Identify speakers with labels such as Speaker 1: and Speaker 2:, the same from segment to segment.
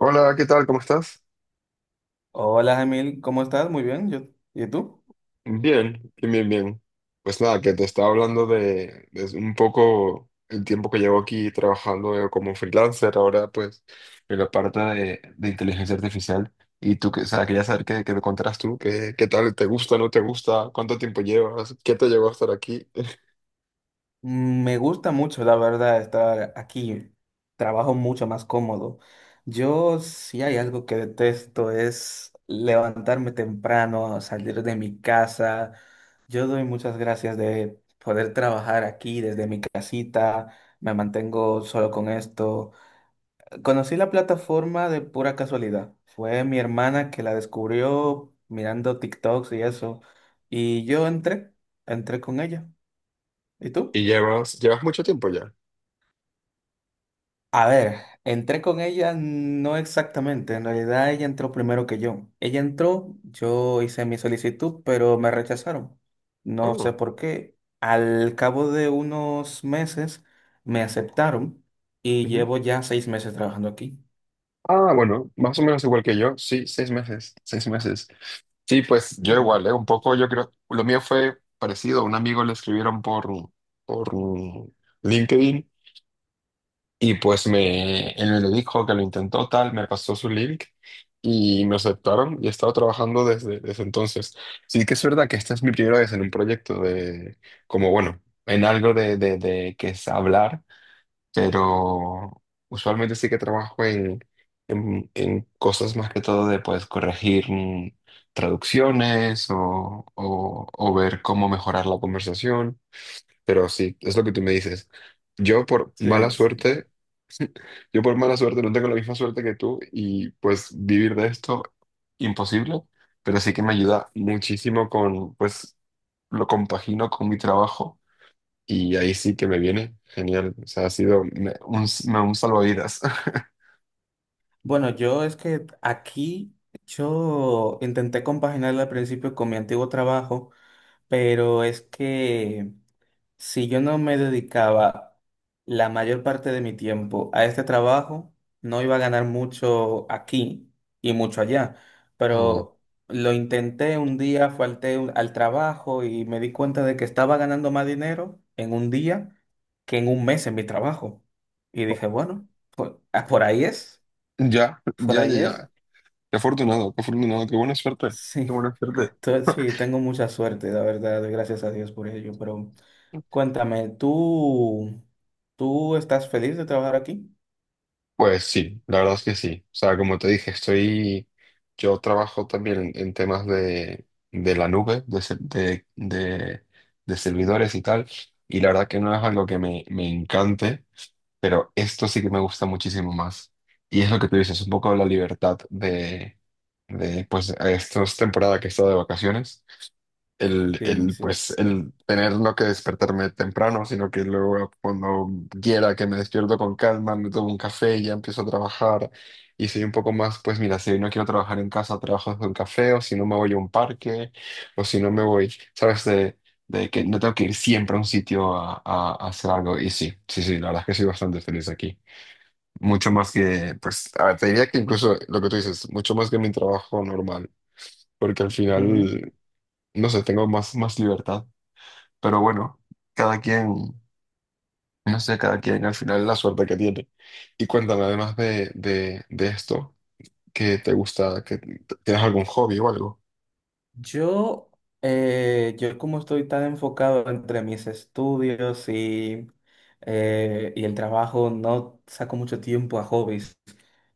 Speaker 1: Hola, ¿qué tal? ¿Cómo estás?
Speaker 2: Hola, Emil, ¿cómo estás? Muy bien, yo. ¿Y tú?
Speaker 1: Bien, bien, bien, bien. Pues nada, que te estaba hablando de un poco el tiempo que llevo aquí trabajando como freelancer, ahora pues en la parte de inteligencia artificial. Y tú, que, o sea, quería saber qué me contarás tú, qué tal, te gusta, no te gusta, cuánto tiempo llevas, qué te llevó a estar aquí.
Speaker 2: Me gusta mucho, la verdad, estar aquí. Trabajo mucho más cómodo. Yo, si hay algo que detesto, es levantarme temprano, salir de mi casa. Yo doy muchas gracias de poder trabajar aquí desde mi casita. Me mantengo solo con esto. Conocí la plataforma de pura casualidad. Fue mi hermana que la descubrió mirando TikToks y eso. Y yo entré con ella. ¿Y tú?
Speaker 1: Y llevas mucho tiempo ya.
Speaker 2: A ver, entré con ella no exactamente. En realidad ella entró primero que yo. Ella entró, yo hice mi solicitud, pero me rechazaron. No sé
Speaker 1: Oh,
Speaker 2: por qué. Al cabo de unos meses me aceptaron y
Speaker 1: ujú.
Speaker 2: llevo ya 6 meses trabajando aquí.
Speaker 1: Ah, bueno, más o menos igual que yo, sí, 6 meses, 6 meses. Sí, pues yo
Speaker 2: Mm.
Speaker 1: igual, ¿eh? Un poco, yo creo, lo mío fue parecido, a un amigo le escribieron por LinkedIn y pues él me lo dijo que lo intentó tal, me pasó su link y me aceptaron y he estado trabajando desde entonces. Sí que es verdad que esta es mi primera vez en un proyecto como bueno, en algo de que es hablar, pero usualmente sí que trabajo en cosas más que todo de pues corregir traducciones o ver cómo mejorar la conversación, pero sí, es lo que tú me dices. Yo por mala
Speaker 2: Sí, sí.
Speaker 1: suerte, yo por mala suerte no tengo la misma suerte que tú y pues vivir de esto imposible, pero sí que me ayuda muchísimo con pues lo compagino con mi trabajo y ahí sí que me viene. Genial. O sea, ha sido un salvavidas.
Speaker 2: Bueno, yo es que aquí yo intenté compaginarlo al principio con mi antiguo trabajo, pero es que si yo no me dedicaba la mayor parte de mi tiempo a este trabajo, no iba a ganar mucho aquí y mucho allá.
Speaker 1: Mm.
Speaker 2: Pero lo intenté un día, falté al trabajo y me di cuenta de que estaba ganando más dinero en un día que en un mes en mi trabajo. Y dije, bueno, por ahí es,
Speaker 1: Ya,
Speaker 2: por
Speaker 1: ya, ya,
Speaker 2: ahí es.
Speaker 1: ya. Qué afortunado, qué afortunado, qué buena suerte. Qué
Speaker 2: Sí,
Speaker 1: buena suerte.
Speaker 2: sí, tengo mucha suerte, la verdad, doy gracias a Dios por ello, pero cuéntame, ¿tú, tú estás feliz de trabajar aquí?
Speaker 1: Pues sí, la verdad es que sí. O sea, como te dije, yo trabajo también en temas de la nube, de, se- de servidores y tal, y la verdad que no es algo que me encante, pero esto sí que me gusta muchísimo más. Y es lo que tú dices, un poco la libertad de pues, esta temporada que he estado de vacaciones el,
Speaker 2: Sí,
Speaker 1: el,
Speaker 2: sí.
Speaker 1: pues, el tener no que despertarme temprano, sino que luego cuando quiera que me despierto con calma, me tomo un café y ya empiezo a trabajar. Y soy un poco más, pues mira, si no quiero trabajar en casa, trabajo desde un café, o si no me voy a un parque, o si no me voy, ¿sabes? De que no tengo que ir siempre a un sitio a, a hacer algo. Y sí, sí, sí, la verdad es que soy bastante feliz aquí. Mucho más que, pues, a ver, te diría que incluso lo que tú dices, mucho más que mi trabajo normal, porque al
Speaker 2: Ujú.
Speaker 1: final, no sé, tengo más libertad. Pero bueno, cada quien, no sé, cada quien al final la suerte que tiene. Y cuéntame, además de esto, ¿qué te gusta? ¿Que tienes algún hobby o algo?
Speaker 2: Yo, yo como estoy tan enfocado entre mis estudios y el trabajo, no saco mucho tiempo a hobbies.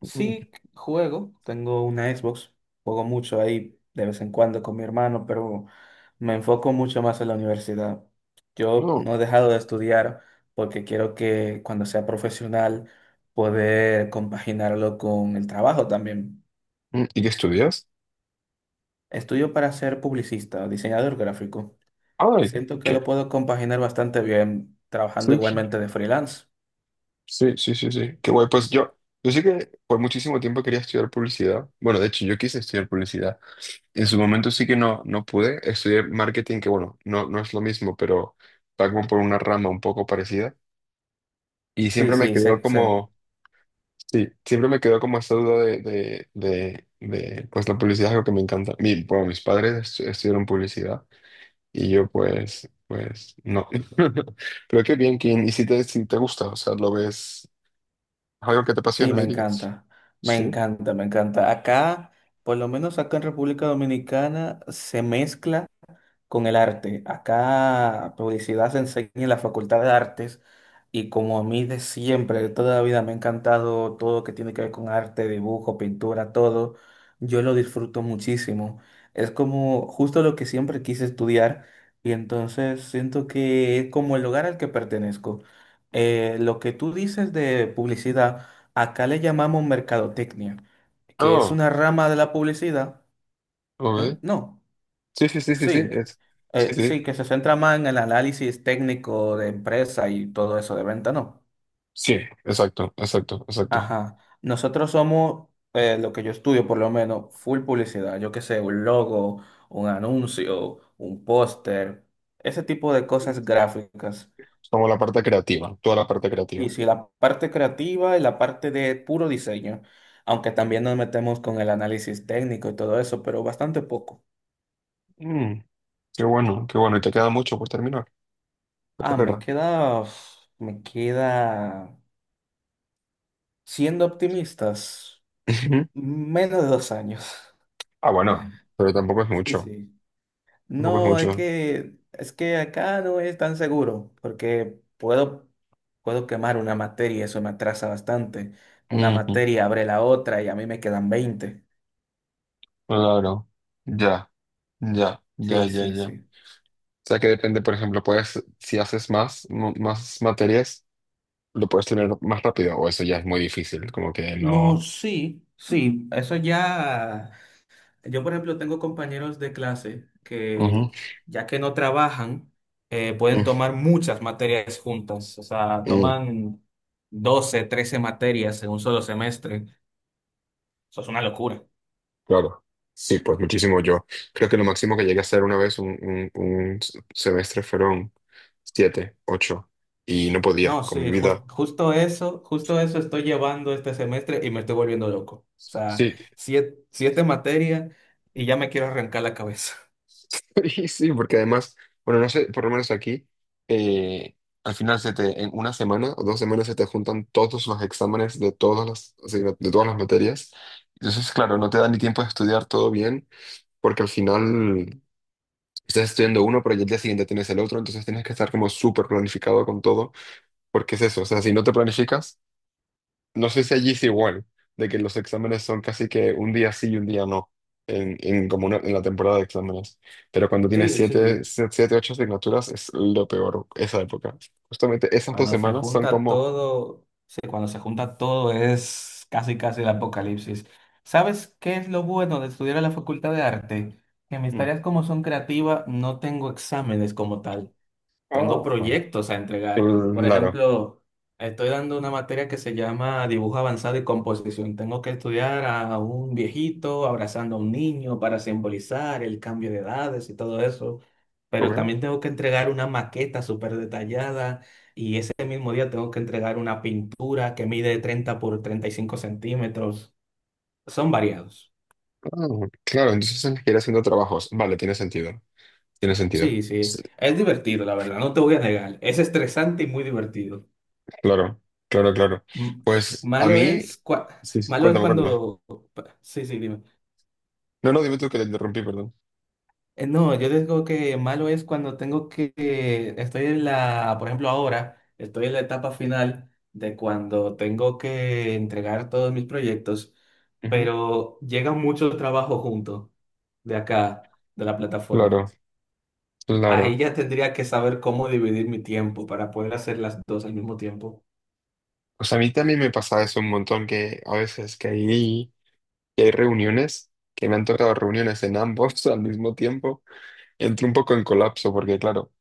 Speaker 1: Mm.
Speaker 2: Sí, juego, tengo una Xbox, juego mucho ahí de vez en cuando con mi hermano, pero me enfoco mucho más en la universidad. Yo
Speaker 1: No.
Speaker 2: no he dejado de estudiar porque quiero que cuando sea profesional poder compaginarlo con el trabajo también.
Speaker 1: ¿Y qué estudias?
Speaker 2: Estudio para ser publicista, diseñador gráfico.
Speaker 1: Ay,
Speaker 2: Siento que
Speaker 1: ¿qué?
Speaker 2: lo puedo compaginar bastante bien
Speaker 1: Sí,
Speaker 2: trabajando
Speaker 1: sí,
Speaker 2: igualmente de freelance.
Speaker 1: sí, sí, sí. Sí. Qué guay. Pues yo sí que por muchísimo tiempo quería estudiar publicidad. Bueno, de hecho, yo quise estudiar publicidad. En su momento sí que no pude. Estudié marketing, que bueno, no es lo mismo, pero va como por una rama un poco parecida. Y
Speaker 2: Sí,
Speaker 1: siempre me
Speaker 2: sí,
Speaker 1: quedó
Speaker 2: sé, sé.
Speaker 1: como. Sí, siempre me quedó como esta duda de, pues la publicidad es algo que me encanta. Bueno, mis padres estudiaron publicidad y yo pues, no. Pero qué bien, Kim. Y si te gusta, o sea, lo ves, es algo que te
Speaker 2: Sí,
Speaker 1: apasiona,
Speaker 2: me
Speaker 1: dirías.
Speaker 2: encanta, me
Speaker 1: Sí.
Speaker 2: encanta, me encanta. Acá, por lo menos acá en República Dominicana, se mezcla con el arte. Acá publicidad se enseña en la Facultad de Artes y como a mí de siempre, de toda la vida me ha encantado todo lo que tiene que ver con arte, dibujo, pintura, todo, yo lo disfruto muchísimo. Es como justo lo que siempre quise estudiar y entonces siento que es como el lugar al que pertenezco. Lo que tú dices de publicidad, acá le llamamos mercadotecnia, que es
Speaker 1: Oh,
Speaker 2: una rama de la publicidad. ¿Eh?
Speaker 1: ok.
Speaker 2: No.
Speaker 1: Sí, sí, sí, sí, sí.
Speaker 2: Sí,
Speaker 1: Sí, sí.
Speaker 2: sí, que se centra más en el análisis técnico de empresa y todo eso de venta, ¿no?
Speaker 1: Sí, exacto, exacto, exacto.
Speaker 2: Ajá. Nosotros somos, lo que yo estudio por lo menos, full publicidad. Yo qué sé, un logo, un anuncio, un póster, ese tipo de cosas gráficas.
Speaker 1: Como la parte creativa, toda la parte
Speaker 2: Y
Speaker 1: creativa.
Speaker 2: sí, la parte creativa y la parte de puro diseño, aunque también nos metemos con el análisis técnico y todo eso, pero bastante poco.
Speaker 1: Mm, Qué bueno, qué bueno. Y te queda mucho por terminar la
Speaker 2: Ah,
Speaker 1: carrera.
Speaker 2: me queda siendo optimistas. Menos de 2 años.
Speaker 1: Ah, bueno, pero tampoco es
Speaker 2: Sí,
Speaker 1: mucho.
Speaker 2: sí.
Speaker 1: Tampoco es
Speaker 2: No,
Speaker 1: mucho.
Speaker 2: es que acá no es tan seguro, porque puedo quemar una materia, eso me atrasa bastante. Una
Speaker 1: Ujú.
Speaker 2: materia abre la otra y a mí me quedan 20.
Speaker 1: Claro. Ya, ya, ya,
Speaker 2: Sí,
Speaker 1: ya,
Speaker 2: sí,
Speaker 1: ya. O
Speaker 2: sí.
Speaker 1: sea que depende, por ejemplo, puedes, si haces más, más materias, lo puedes tener más rápido, o eso ya es muy difícil, como que
Speaker 2: No,
Speaker 1: no.
Speaker 2: sí, sí, eso ya. Yo, por ejemplo, tengo compañeros de clase
Speaker 1: Ujú.
Speaker 2: que, ya que no trabajan, pueden
Speaker 1: Mm,
Speaker 2: tomar muchas materias juntas. O sea,
Speaker 1: mm,
Speaker 2: toman 12, 13 materias en un solo semestre. Eso es una locura.
Speaker 1: claro. Sí, pues muchísimo yo. Creo que lo máximo que llegué a hacer una vez un semestre fueron siete, ocho, y no podía
Speaker 2: No,
Speaker 1: con mi
Speaker 2: sí,
Speaker 1: vida.
Speaker 2: justo eso estoy llevando este semestre y me estoy volviendo loco. O sea,
Speaker 1: Sí.
Speaker 2: siete materias y ya me quiero arrancar la cabeza.
Speaker 1: Sí, sí, porque además, bueno, no sé, por lo menos aquí, eh, al final se te, en una semana o 2 semanas se te juntan todos los exámenes de todas de todas las materias. Entonces, claro, no te da ni tiempo de estudiar todo bien, porque al final estás estudiando uno, pero ya el día siguiente tienes el otro, entonces tienes que estar como súper planificado con todo, porque es eso, o sea, si no te planificas, no sé si allí es igual, de que los exámenes son casi que un día sí y un día no, en la temporada de exámenes. Pero cuando tienes
Speaker 2: Sí, sí.
Speaker 1: siete, ocho asignaturas es lo peor, esa época. Justamente esas dos
Speaker 2: Cuando se
Speaker 1: semanas son
Speaker 2: junta
Speaker 1: como.
Speaker 2: todo, sí, cuando se junta todo es casi, casi el apocalipsis. ¿Sabes qué es lo bueno de estudiar en la Facultad de Arte? Que mis
Speaker 1: Mm.
Speaker 2: tareas como son creativas, no tengo exámenes como tal. Tengo
Speaker 1: Ah, bueno,
Speaker 2: proyectos a entregar. Por
Speaker 1: claro.
Speaker 2: ejemplo, estoy dando una materia que se llama dibujo avanzado y composición. Tengo que estudiar a un viejito abrazando a un niño para simbolizar el cambio de edades y todo eso. Pero
Speaker 1: Ok,
Speaker 2: también tengo que entregar una maqueta súper detallada y ese mismo día tengo que entregar una pintura que mide 30 por 35 centímetros. Son variados.
Speaker 1: ah, claro, entonces tienes que ir haciendo trabajos. Vale, tiene sentido, tiene sentido.
Speaker 2: Sí, sí.
Speaker 1: Sí,
Speaker 2: Es divertido, la verdad. No te voy a negar. Es estresante y muy divertido.
Speaker 1: claro, claro, claro.
Speaker 2: M-
Speaker 1: Pues a
Speaker 2: Malo
Speaker 1: mí.
Speaker 2: es, cua-
Speaker 1: Sí, sí,
Speaker 2: malo es
Speaker 1: cuéntame, cuéntame.
Speaker 2: cuando... Sí, sí, dime.
Speaker 1: No, no, dime tú que te interrumpí, perdón.
Speaker 2: No, yo digo que malo es cuando tengo que... Por ejemplo, ahora, estoy en la etapa final de cuando tengo que entregar todos mis proyectos,
Speaker 1: Ujú.
Speaker 2: pero llega mucho trabajo junto de acá, de la plataforma.
Speaker 1: Claro,
Speaker 2: Ahí
Speaker 1: claro.
Speaker 2: ya tendría que saber cómo dividir mi tiempo para poder hacer las dos al mismo tiempo.
Speaker 1: O sea, a mí también me pasa eso un montón, que a veces que hay, reuniones, que me han tocado reuniones en ambos al mismo tiempo, entro un poco en colapso, porque claro,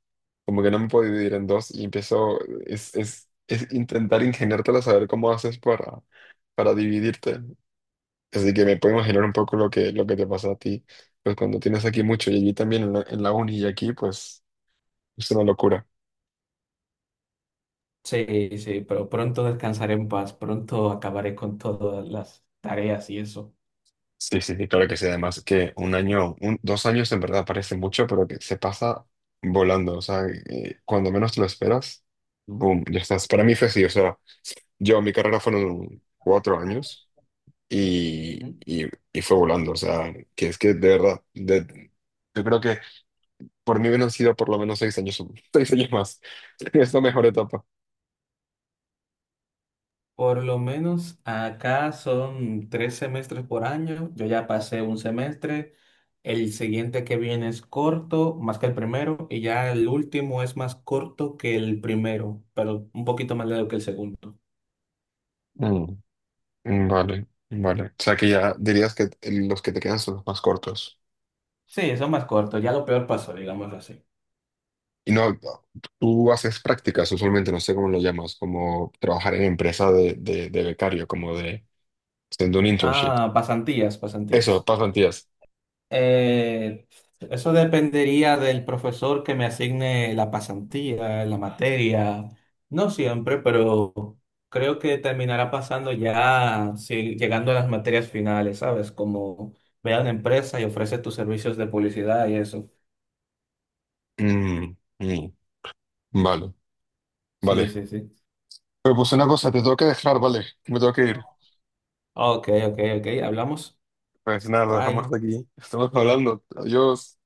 Speaker 1: como que no me puedo dividir en dos y es intentar ingeniártela, saber cómo haces para dividirte. Así que me puedo imaginar un poco lo que te pasa a ti, pues cuando tienes aquí mucho y allí también en la uni y aquí, pues es una locura.
Speaker 2: Sí, sí, pero pronto descansaré en paz, pronto acabaré con todas las tareas y eso.
Speaker 1: Sí, sí, sí, claro que sí. Además que 2 años en verdad parece mucho, pero que se pasa volando. O sea, cuando menos te lo esperas, boom, ya estás. Para mí fue así. O sea, mi carrera fueron 4 años y,
Speaker 2: Ujú.
Speaker 1: y, y fue volando. O sea, que es que de verdad, yo creo que por mí hubieran sido por lo menos 6 años, 6 años más. Es la mejor etapa.
Speaker 2: Por lo menos acá son 3 semestres por año, yo ya pasé un semestre, el siguiente que viene es corto, más que el primero, y ya el último es más corto que el primero, pero un poquito más largo que el segundo.
Speaker 1: Mm, vale, vale. O sea, que ya dirías que los que te quedan son los más cortos.
Speaker 2: Sí, son más cortos, ya lo peor pasó, digámoslo así.
Speaker 1: Y no, tú haces prácticas usualmente, no sé cómo lo llamas, como trabajar en empresa de becario, como de haciendo un internship.
Speaker 2: Ah, pasantías, pasantías.
Speaker 1: Eso, pasan días.
Speaker 2: Eh, Eso dependería del profesor que me asigne la pasantía, la materia. No siempre, pero creo que terminará pasando ya sí, llegando a las materias finales, ¿sabes? Como ve a una empresa y ofrece tus servicios de publicidad y eso.
Speaker 1: Mm, mm, vale,
Speaker 2: Sí,
Speaker 1: vale.
Speaker 2: sí, sí.
Speaker 1: Pero pues una cosa, te tengo que dejar, vale, me tengo que ir.
Speaker 2: Ok, ok, ok. Hablamos.
Speaker 1: Pues nada, lo dejamos
Speaker 2: Bye.
Speaker 1: hasta aquí. Estamos hablando. Adiós.